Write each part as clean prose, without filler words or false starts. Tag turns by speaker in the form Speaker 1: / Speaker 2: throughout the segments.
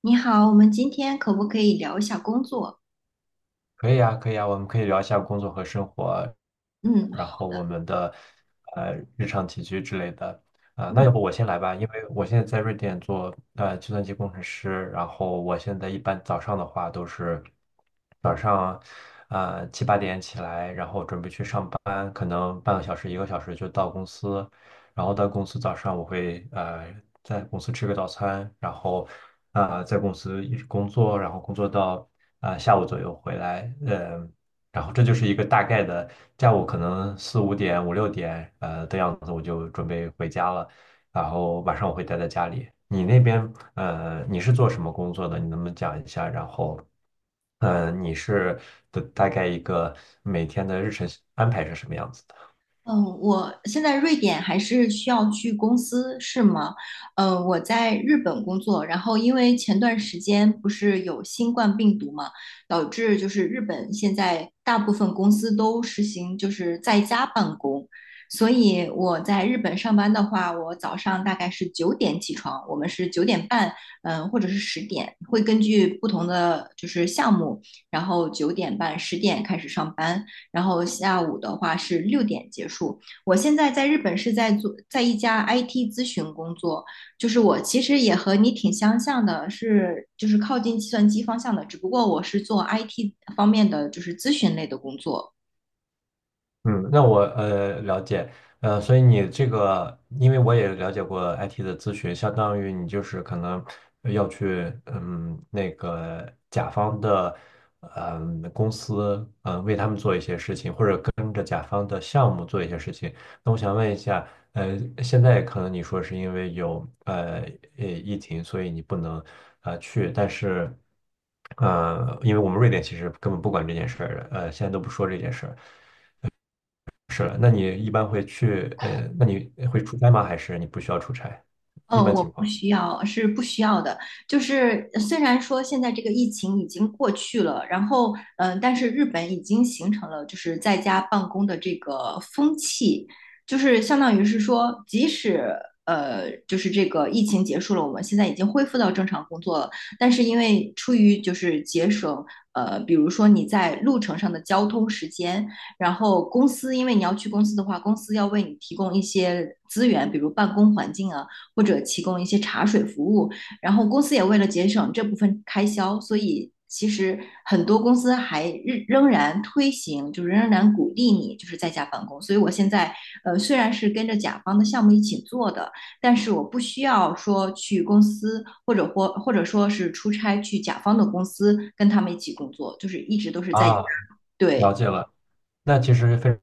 Speaker 1: 你好，我们今天可不可以聊一下工作？
Speaker 2: 可以啊，可以啊，我们可以聊一下工作和生活，
Speaker 1: 嗯，
Speaker 2: 然后我们的日常起居之类的。那要不我先来吧，因为我现在在瑞典做计算机工程师，然后我现在一般早上的话都是早上七八点起来，然后准备去上班，可能半个小时一个小时就到公司，然后到公司早上我会在公司吃个早餐，然后在公司一直工作，然后工作到下午左右回来，然后这就是一个大概的下午可能四五点五六点的样子我就准备回家了，然后晚上我会待在家里。你那边你是做什么工作的？你能不能讲一下？你是的大概一个每天的日程安排是什么样子的？
Speaker 1: 嗯，我现在瑞典还是需要去公司，是吗？嗯，我在日本工作，然后因为前段时间不是有新冠病毒嘛，导致就是日本现在大部分公司都实行就是在家办公，所以我在日本上班的话，我早上大概是九点起床，我们是九点半，嗯、或者是十点，会根据不同的就是项目，然后九点半、十点开始上班。然后下午的话是六点结束。我现在在日本是在做在一家 IT 咨询工作，就是我其实也和你挺相像的，是就是靠近计算机方向的，只不过我是做 IT 方面的就是咨询类的工作。
Speaker 2: 嗯，那我了解，所以你这个，因为我也了解过 IT 的咨询，相当于你就是可能要去那个甲方的公司为他们做一些事情，或者跟着甲方的项目做一些事情。那我想问一下，现在可能你说是因为有疫情，所以你不能去，但是因为我们瑞典其实根本不管这件事儿，现在都不说这件事儿。是，了，那你一般会去，那你会出差吗？还是你不需要出差？
Speaker 1: 嗯，
Speaker 2: 一般
Speaker 1: 我
Speaker 2: 情
Speaker 1: 不
Speaker 2: 况。
Speaker 1: 需要，是不需要的。就是虽然说现在这个疫情已经过去了，然后嗯、但是日本已经形成了就是在家办公的这个风气，就是相当于是说，即使就是这个疫情结束了，我们现在已经恢复到正常工作了，但是因为出于就是节省，比如说你在路程上的交通时间，然后公司因为你要去公司的话，公司要为你提供一些资源，比如办公环境啊。或者提供一些茶水服务。然后公司也为了节省这部分开销，所以其实很多公司还仍然推行，就是仍然鼓励你就是在家办公。所以我现在虽然是跟着甲方的项目一起做的，但是我不需要说去公司或者说是出差去甲方的公司跟他们一起工作，就是一直都是在家。
Speaker 2: 啊，了
Speaker 1: 对，
Speaker 2: 解了。那其实非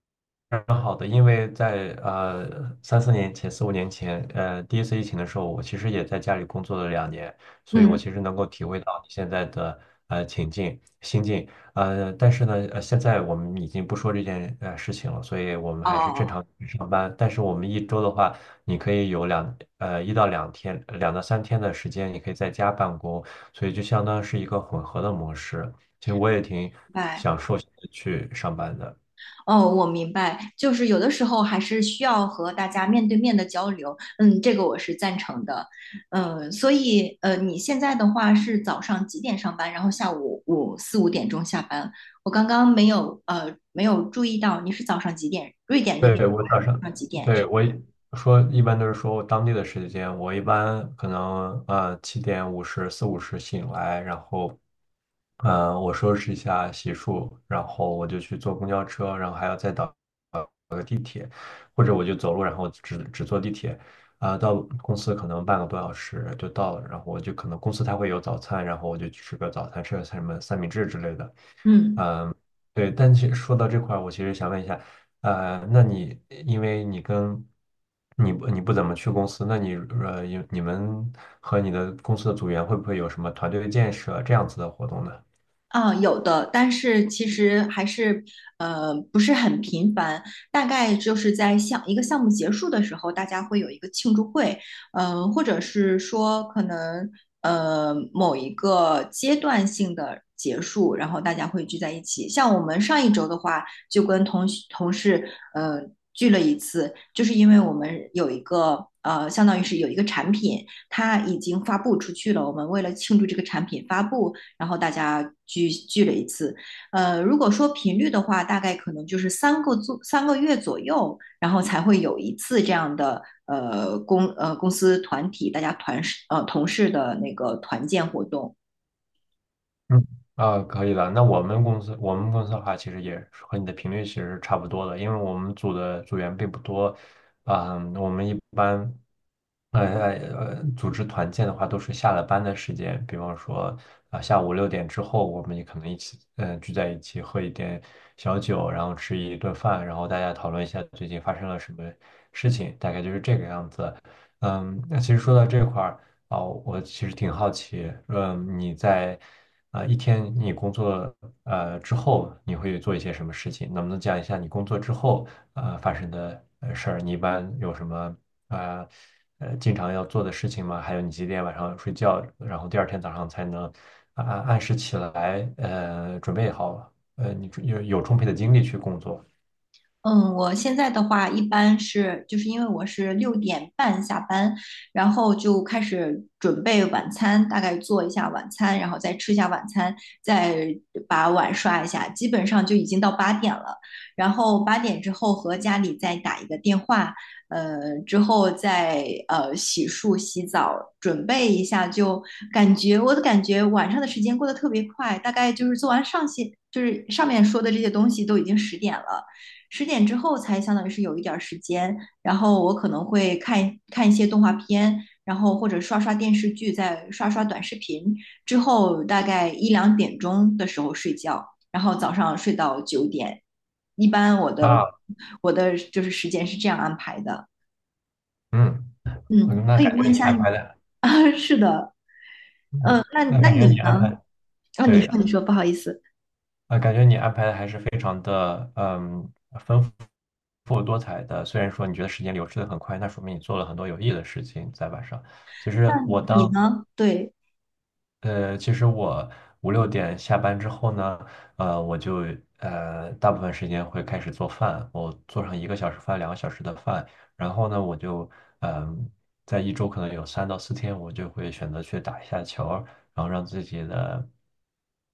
Speaker 2: 蛮好的，因为在三四年前、四五年前，第一次疫情的时候，我其实也在家里工作了2年，所以我
Speaker 1: 嗯，
Speaker 2: 其实能够体会到你现在的情境、心境。但是呢，现在我们已经不说这件事情了，所以我们还是正
Speaker 1: 哦，
Speaker 2: 常去上班。但是我们一周的话，你可以有一到两天、两到三天的时间，你可以在家办公，所以就相当是一个混合的模式。其实我也挺
Speaker 1: 明白。
Speaker 2: 享受去上班的。
Speaker 1: 哦，我明白，就是有的时候还是需要和大家面对面的交流，嗯，这个我是赞成的，嗯，所以，你现在的话是早上几点上班，然后下午五点钟下班？我刚刚没有注意到你是早上几点，瑞典那边
Speaker 2: 对，我早上，
Speaker 1: 早上几点上？
Speaker 2: 对，我一般都是说当地的时间，我一般可能七点五十四五十醒来，然后我收拾一下洗漱，然后我就去坐公交车，然后还要再等，或者我就走路，然后只坐地铁，到公司可能半个多小时就到了，然后我就可能公司它会有早餐，然后我就去吃个早餐，吃个什么三明治之类的。
Speaker 1: 嗯。
Speaker 2: 对，但其实说到这块儿，我其实想问一下，那你因为你跟你不怎么去公司，那你你们和你的公司的组员会不会有什么团队建设这样子的活动呢？
Speaker 1: 啊，有的，但是其实还是不是很频繁，大概就是一个项目结束的时候，大家会有一个庆祝会，或者是说可能某一个阶段性的结束，然后大家会聚在一起。像我们上一周的话，就跟同事聚了一次，就是因为我们有一个相当于是有一个产品，它已经发布出去了，我们为了庆祝这个产品发布。然后大家聚了一次。如果说频率的话，大概可能就是三个月左右，然后才会有一次这样的公司团体大家团呃同事的那个团建活动。
Speaker 2: 嗯，啊，可以的。那我们公司，我们公司的话，其实也是和你的频率其实是差不多的，因为我们组的组员并不多，啊，我们一般。组织团建的话，都是下了班的时间，比方说下午6点之后，我们也可能一起，聚在一起喝一点小酒，然后吃一顿饭，然后大家讨论一下最近发生了什么事情，大概就是这个样子。嗯，那其实说到这块儿我其实挺好奇，你在一天你工作之后，你会做一些什么事情？能不能讲一下你工作之后发生的事儿？你一般有什么啊？呃经常要做的事情嘛，还有你几点晚上睡觉，然后第二天早上才能按时起来，准备好，你有充沛的精力去工作。
Speaker 1: 嗯，我现在的话一般是，就是因为我是六点半下班，然后就开始准备晚餐，大概做一下晚餐，然后再吃一下晚餐，再把碗刷一下，基本上就已经到八点了。然后八点之后和家里再打一个电话，之后再洗漱、洗澡，准备一下，就感觉我的感觉晚上的时间过得特别快，大概就是做完上些，就是上面说的这些东西都已经十点了。十点之后才相当于是有一点时间，然后我可能会看看一些动画片，然后或者刷刷电视剧，再刷刷短视频，之后大概一两点钟的时候睡觉，然后早上睡到九点。一般
Speaker 2: 啊，
Speaker 1: 我的就是时间是这样安排的。
Speaker 2: 嗯，
Speaker 1: 嗯，
Speaker 2: 嗯那
Speaker 1: 可以
Speaker 2: 感
Speaker 1: 问
Speaker 2: 觉
Speaker 1: 一
Speaker 2: 你
Speaker 1: 下
Speaker 2: 安
Speaker 1: 你
Speaker 2: 排的，
Speaker 1: 啊，是的，
Speaker 2: 嗯，
Speaker 1: 那
Speaker 2: 那
Speaker 1: 那
Speaker 2: 感觉你
Speaker 1: 你
Speaker 2: 安
Speaker 1: 呢？
Speaker 2: 排，
Speaker 1: 啊，
Speaker 2: 对，
Speaker 1: 你说，不好意思，
Speaker 2: 感觉你安排的还是非常的，丰富。丰富多彩的，虽然说你觉得时间流逝的很快，那说明你做了很多有意义的事情在晚上。其
Speaker 1: 那
Speaker 2: 实我
Speaker 1: 你
Speaker 2: 当
Speaker 1: 呢？对。
Speaker 2: 其实我五六点下班之后呢，我就大部分时间会开始做饭，我做上一个小时饭、两个小时的饭，然后呢，我就嗯、在一周可能有三到四天，我就会选择去打一下球儿然后让自己的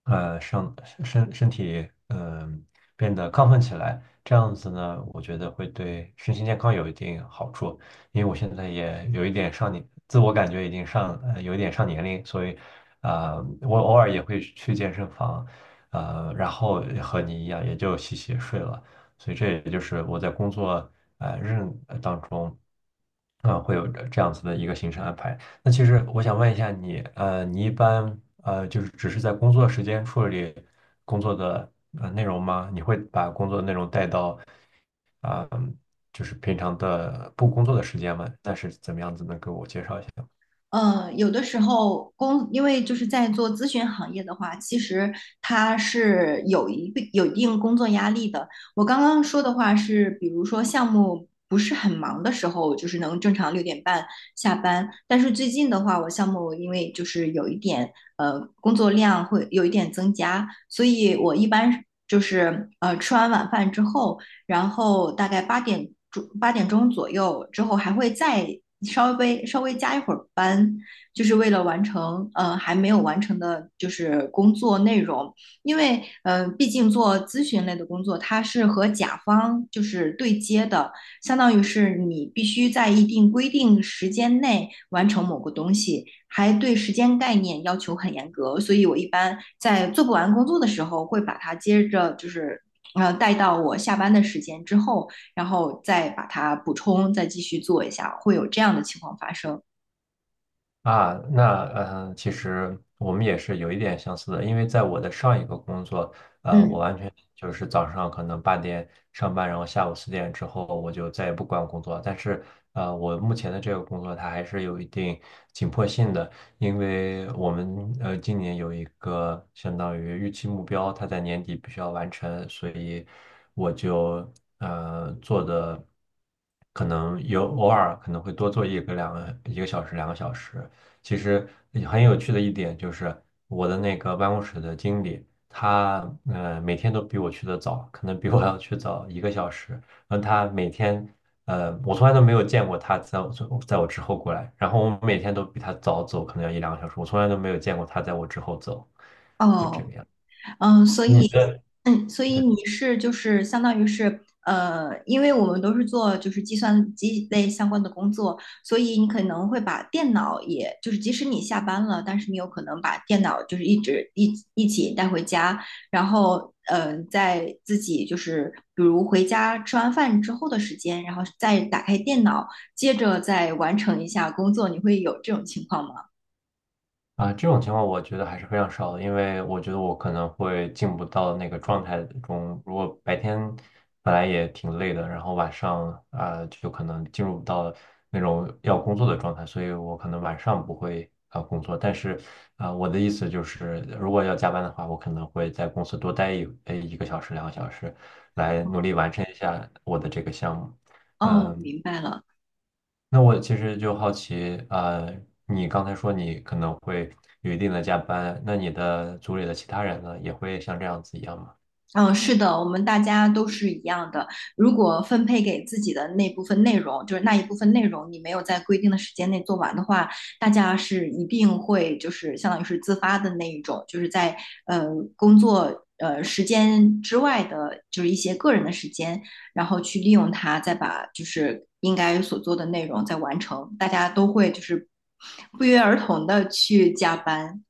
Speaker 2: 呃上身身体变得亢奋起来，这样子呢，我觉得会对身心健康有一定好处。因为我现在也有一点上年，自我感觉已经上，有一点上年龄，所以，啊、我偶尔也会去健身房，然后和你一样，也就洗洗睡了。所以这也就是我在工作呃日呃当中。啊，会有这样子的一个行程安排。那其实我想问一下你，你一般就是只是在工作时间处理工作的内容吗？你会把工作内容带到啊，就是平常的不工作的时间吗？那是怎么样子？能给我介绍一下？
Speaker 1: 呃，有的时候工，因为就是在做咨询行业的话，其实它是有一定工作压力的。我刚刚说的话是，比如说项目不是很忙的时候，就是能正常六点半下班。但是最近的话，我项目因为就是有一点工作量会有一点增加，所以我一般就是吃完晚饭之后。然后大概八点钟左右之后还会再稍微加一会儿班，就是为了完成还没有完成的就是工作内容，因为毕竟做咨询类的工作，它是和甲方就是对接的，相当于是你必须在一定规定时间内完成某个东西，还对时间概念要求很严格。所以我一般在做不完工作的时候，会把它接着带到我下班的时间之后，然后再把它补充，再继续做一下，会有这样的情况发生。
Speaker 2: 啊，那其实我们也是有一点相似的，因为在我的上一个工作，我
Speaker 1: 嗯。
Speaker 2: 完全就是早上可能八点上班，然后下午4点之后我就再也不管工作。但是，我目前的这个工作它还是有一定紧迫性的，因为我们今年有一个相当于预期目标，它在年底必须要完成，所以我就做的可能有偶尔可能会多做一个两个一个小时两个小时。其实很有趣的一点就是，我的那个办公室的经理，他每天都比我去的早，可能比我要去早一个小时。然后他每天，我从来都没有见过他在我之后过来。然后我每天都比他早走，可能要一两个小时。我从来都没有见过他在我之后走，就这
Speaker 1: 哦，
Speaker 2: 个样。
Speaker 1: 嗯，所
Speaker 2: 你
Speaker 1: 以
Speaker 2: 的，对。
Speaker 1: 嗯，所以你是就是相当于是因为我们都是做就是计算机类相关的工作，所以你可能会把电脑也，就是即使你下班了，但是你有可能把电脑就是一直一一起带回家，然后嗯，在自己就是比如回家吃完饭之后的时间，然后再打开电脑，接着再完成一下工作，你会有这种情况吗？
Speaker 2: 这种情况我觉得还是非常少的，因为我觉得我可能会进不到那个状态中。如果白天本来也挺累的，然后晚上就可能进入不到那种要工作的状态，所以我可能晚上不会工作。但是我的意思就是，如果要加班的话，我可能会在公司多待一个小时、两个小时，来努力完成一下我的这个项目。
Speaker 1: 哦，
Speaker 2: 嗯，
Speaker 1: 明白了。
Speaker 2: 那我其实就好奇，你刚才说你可能会有一定的加班，那你的组里的其他人呢，也会像这样子一样吗？
Speaker 1: 嗯，是的，我们大家都是一样的。如果分配给自己的那部分内容，就是那一部分内容，你没有在规定的时间内做完的话，大家是一定会就是相当于是自发的那一种，就是在呃工作呃时间之外的，就是一些个人的时间，然后去利用它，再把就是应该所做的内容再完成。大家都会就是不约而同的去加班。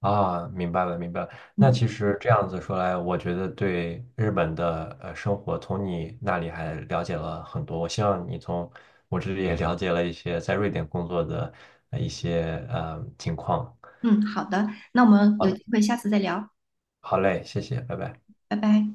Speaker 2: 啊，明白了，明白了。那
Speaker 1: 嗯
Speaker 2: 其实这样子说来，我觉得对日本的生活，从你那里还了解了很多。我希望你从我这里也了解了一些在瑞典工作的一些情况。
Speaker 1: 嗯，好的，那我们有机会下次再聊，
Speaker 2: 好嘞，谢谢，拜拜。
Speaker 1: 拜拜。